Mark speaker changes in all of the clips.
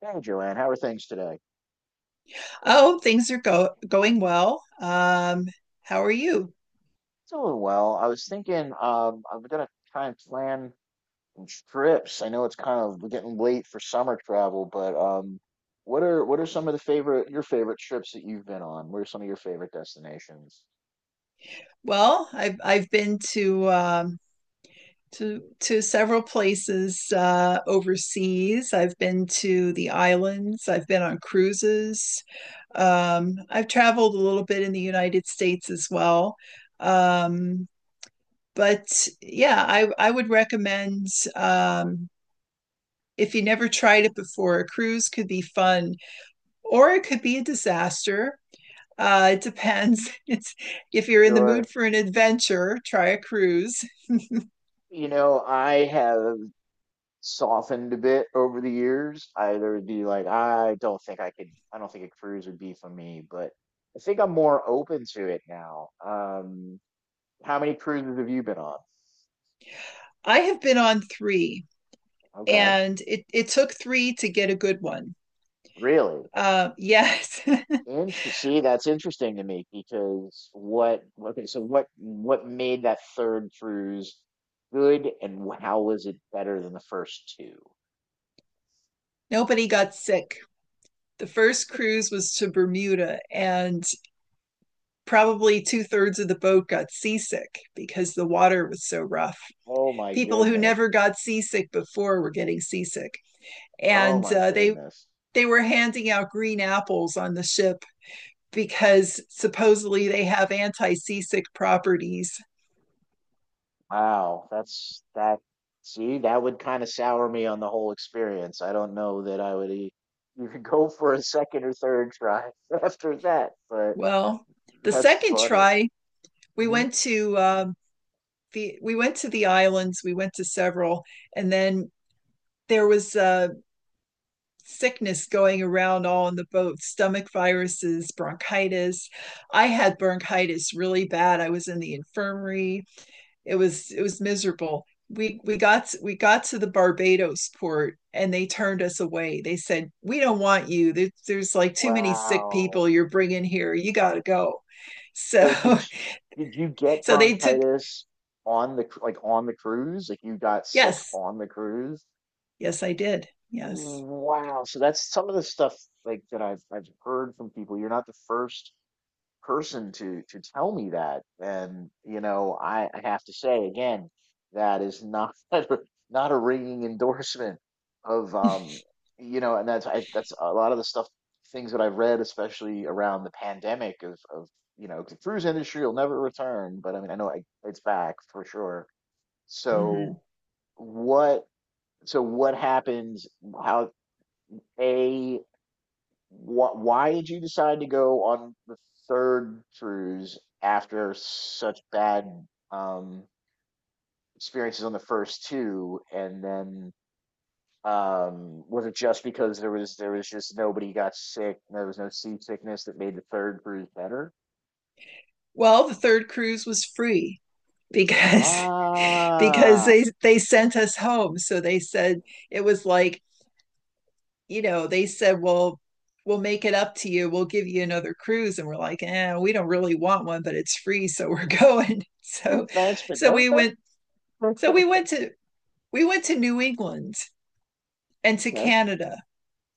Speaker 1: Hey Joanne, how are things today?
Speaker 2: Oh, things are go going well. How are you?
Speaker 1: Doing well. I was thinking I'm gonna try and plan some trips. I know it's kind of we're getting late for summer travel, but what are some of the favorite your favorite trips that you've been on? What are some of your favorite destinations?
Speaker 2: Well, I've been to several places overseas. I've been to the islands. I've been on cruises. I've traveled a little bit in the United States as well. Um, but yeah, I would recommend um, if you never tried it before, a cruise could be fun or it could be a disaster. It depends. It's if you're in the
Speaker 1: Sure.
Speaker 2: mood for an adventure, try a cruise.
Speaker 1: You know, I have softened a bit over the years. I either would be like, I don't think a cruise would be for me, but I think I'm more open to it now. How many cruises have you been on?
Speaker 2: I have been on three,
Speaker 1: Okay.
Speaker 2: and it took three to get a good one.
Speaker 1: Really?
Speaker 2: Yes.
Speaker 1: Interesting. See, that's interesting to me because what, okay, so what made that third cruise good and how was it better than the first two?
Speaker 2: Nobody got sick. The first cruise was to Bermuda, and probably two-thirds of the boat got seasick because the water was so rough.
Speaker 1: Oh my
Speaker 2: People who
Speaker 1: goodness.
Speaker 2: never got seasick before were getting seasick,
Speaker 1: Oh
Speaker 2: and
Speaker 1: my
Speaker 2: they
Speaker 1: goodness.
Speaker 2: were handing out green apples on the ship because supposedly they have anti-seasick properties.
Speaker 1: Wow, that's that see, that would kind of sour me on the whole experience. I don't know that I would e even go for a second or third try after that, but
Speaker 2: Well, the
Speaker 1: that's
Speaker 2: second
Speaker 1: funny.
Speaker 2: try, we
Speaker 1: hmm
Speaker 2: went to the we went to the islands. We went to several, and then there was sickness going around all in the boat, stomach viruses, bronchitis. I had bronchitis really bad. I was in the infirmary. It was miserable. We got we got to the Barbados port and they turned us away. They said, "We don't want you. There's like too many sick
Speaker 1: Wow.
Speaker 2: people you're bringing here. You got to go." So
Speaker 1: So did you, did you get
Speaker 2: so they took,
Speaker 1: bronchitis like on the cruise? Like you got sick
Speaker 2: yes.
Speaker 1: on the cruise?
Speaker 2: Yes, I did. Yes.
Speaker 1: Wow. So that's some of the stuff like that I've heard from people. You're not the first person to tell me that, and I have to say again that is not not a ringing endorsement of that's a lot of the stuff things that I've read, especially around the pandemic of the cruise industry will never return, but I mean I know it's back for sure,
Speaker 2: Mm-hmm.
Speaker 1: so what what happens, how a why did you decide to go on the third cruise after such bad um, experiences on the first two? And then was it just because there was just nobody got sick, there was no seasickness that made the third cruise better?
Speaker 2: Well, the third cruise was free, because because
Speaker 1: Ah,
Speaker 2: they sent us home. So they said it was like, you know, they said, well, we'll make it up to you, we'll give you another cruise, and we're like, eh, we don't really want one, but it's free, so we're going. So
Speaker 1: thanks, but
Speaker 2: so
Speaker 1: no
Speaker 2: we
Speaker 1: thanks.
Speaker 2: went so we went to we went to New England and to
Speaker 1: Okay.
Speaker 2: Canada.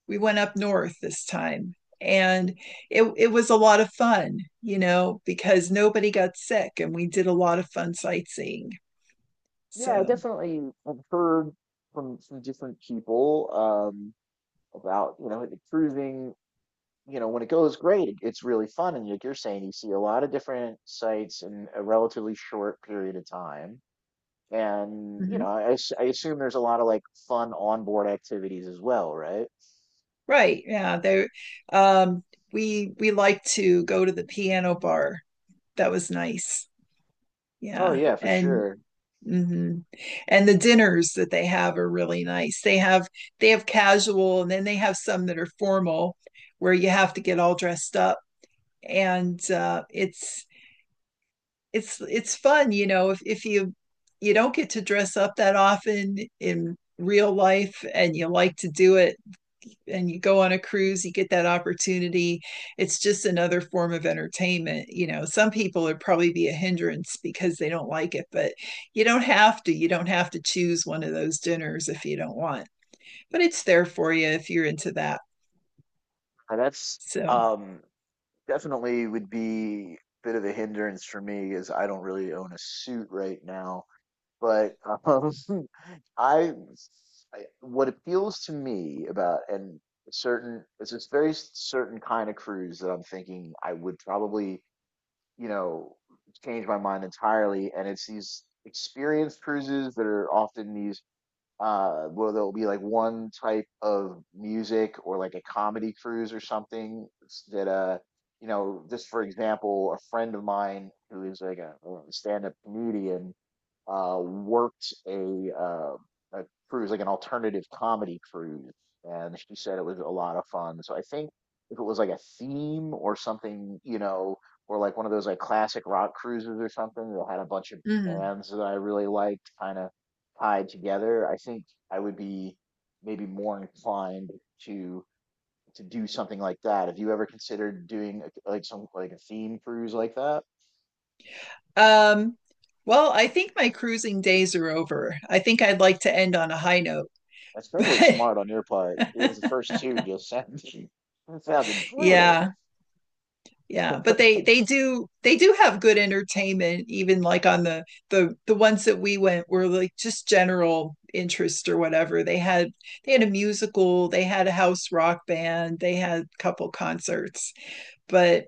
Speaker 2: We went up north this time, and it was a lot of fun, you know, because nobody got sick and we did a lot of fun sightseeing.
Speaker 1: Yeah, I
Speaker 2: So
Speaker 1: definitely have heard from different people, about like the cruising, you know, when it goes great, it's really fun. And like you're saying, you see a lot of different sites in a relatively short period of time. And, you
Speaker 2: mm-hmm.
Speaker 1: know, I assume there's a lot of like fun onboard activities as well, right?
Speaker 2: Right. Yeah. Um, we liked to go to the piano bar. That was nice.
Speaker 1: Oh,
Speaker 2: Yeah.
Speaker 1: yeah, for
Speaker 2: And
Speaker 1: sure.
Speaker 2: mhm, and the dinners that they have are really nice. They have casual, and then they have some that are formal where you have to get all dressed up. And it's fun, you know, if you don't get to dress up that often in real life and you like to do it, and you go on a cruise, you get that opportunity. It's just another form of entertainment. You know, some people would probably be a hindrance because they don't like it, but you don't have to. You don't have to choose one of those dinners if you don't want, but it's there for you if you're into that.
Speaker 1: That's
Speaker 2: So,
Speaker 1: um, definitely would be a bit of a hindrance for me, as I don't really own a suit right now. But um, I, I what appeals to me about and certain it's this very certain kind of cruise that I'm thinking I would probably, you know, change my mind entirely, and it's these experienced cruises that are often these where there'll be like one type of music or like a comedy cruise or something that you know, just for example, a friend of mine who is like a stand-up comedian worked a cruise, like an alternative comedy cruise, and she said it was a lot of fun. So I think if it was like a theme or something, you know, or like one of those like classic rock cruises or something that had a bunch of
Speaker 2: mm-hmm.
Speaker 1: bands that I really liked kind of tied together, I think I would be maybe more inclined to do something like that. Have you ever considered doing like some like a theme cruise like that?
Speaker 2: um, well I think my cruising days are over. I think I'd like to end on a high note,
Speaker 1: That's probably
Speaker 2: but
Speaker 1: smart on your part because the first two just sound sounded brutal.
Speaker 2: yeah. Yeah, but they they do have good entertainment. Even like on the ones that we went were like just general interest or whatever. They had a musical, they had a house rock band, they had a couple concerts. But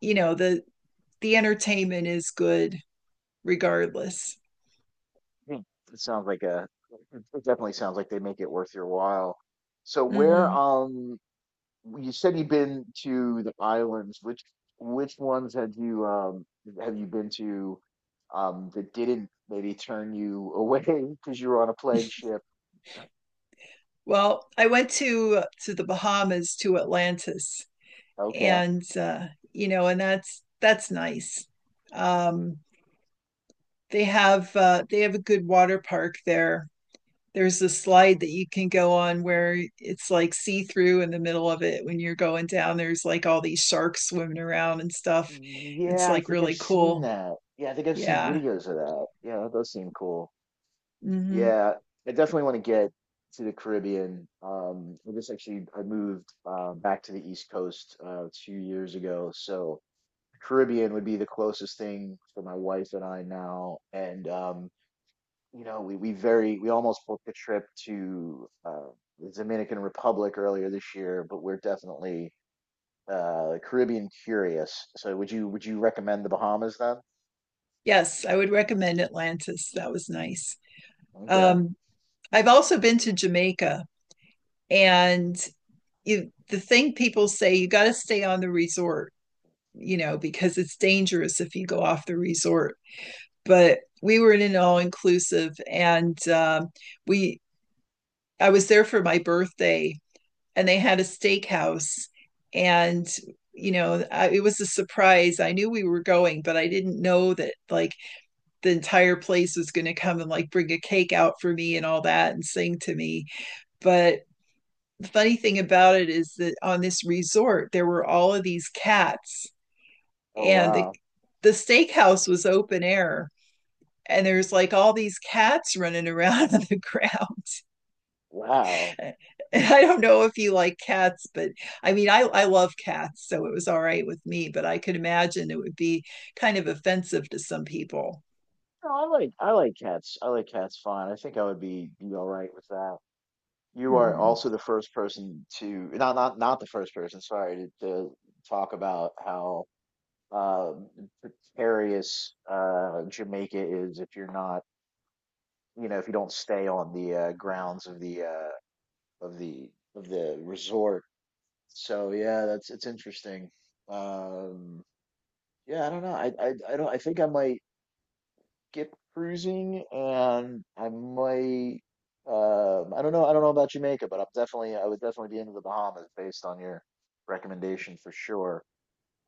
Speaker 2: you know, the entertainment is good regardless.
Speaker 1: Hmm. It sounds like a it definitely sounds like they make it worth your while. So where
Speaker 2: Hmm.
Speaker 1: you said you've been to the islands, which ones had you have you been to that didn't maybe turn you away because you were on a plague ship?
Speaker 2: Well, I went to the Bahamas, to Atlantis.
Speaker 1: Okay.
Speaker 2: And uh, you know, and that's nice. Um, they have a good water park there. There's a slide that you can go on where it's like see through in the middle of it when you're going down. There's like all these sharks swimming around and stuff. It's
Speaker 1: Yeah, I
Speaker 2: like
Speaker 1: think I've
Speaker 2: really
Speaker 1: seen
Speaker 2: cool.
Speaker 1: that. Yeah, I think I've seen
Speaker 2: Yeah.
Speaker 1: videos of that. Yeah, that does seem cool.
Speaker 2: Hmm.
Speaker 1: Yeah, I definitely want to get to the Caribbean. I just actually I moved back to the East Coast 2 years ago, so Caribbean would be the closest thing for my wife and I now. And you know, we almost booked a trip to the Dominican Republic earlier this year, but we're definitely Caribbean curious. So would you recommend the Bahamas then?
Speaker 2: Yes, I would recommend Atlantis. That was nice.
Speaker 1: Okay.
Speaker 2: Um, I've also been to Jamaica, and the thing people say, you got to stay on the resort, you know, because it's dangerous if you go off the resort. But we were in an all inclusive, and we I was there for my birthday, and they had a steakhouse, and it was a surprise. I knew we were going, but I didn't know that, like, the entire place was going to come and like bring a cake out for me and all that and sing to me. But the funny thing about it is that on this resort there were all of these cats,
Speaker 1: Oh
Speaker 2: and
Speaker 1: wow,
Speaker 2: the steakhouse was open air, and there's like all these cats running around on the ground.
Speaker 1: wow.
Speaker 2: And I don't know if you like cats, but I mean, I love cats, so it was all right with me, but I could imagine it would be kind of offensive to some people.
Speaker 1: No, I like cats. I like cats fine. I think I would be all right with that. You are
Speaker 2: Mhm.
Speaker 1: also the first person to not the first person, sorry, to talk about how uh precarious Jamaica is if you're not, you know, if you don't stay on the grounds of the of the of the resort. So yeah, that's it's interesting. Um yeah, I don't know. I don't I think I might skip cruising, and I might, I don't know, about Jamaica, but I'm definitely, I would definitely be into the Bahamas based on your recommendation for sure.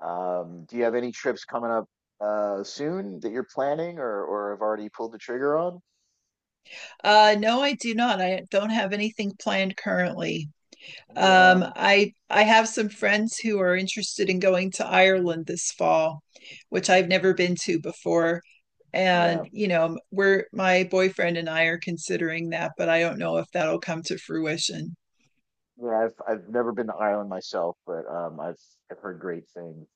Speaker 1: Do you have any trips coming up soon that you're planning or have already pulled the trigger on?
Speaker 2: No, I do not. I don't have anything planned currently.
Speaker 1: Yeah,
Speaker 2: I have some friends who are interested in going to Ireland this fall, which I've never been to before.
Speaker 1: yeah.
Speaker 2: And you know, we're my boyfriend and I are considering that, but I don't know if that'll come to fruition.
Speaker 1: Yeah, I've never been to Ireland myself, but I've heard great things.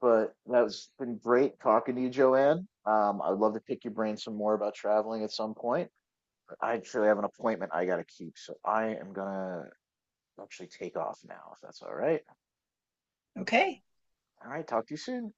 Speaker 1: But that has been great talking to you, Joanne. I would love to pick your brain some more about traveling at some point. I actually have an appointment I gotta keep, so I am gonna actually take off now, if that's all right.
Speaker 2: Okay.
Speaker 1: All right, talk to you soon.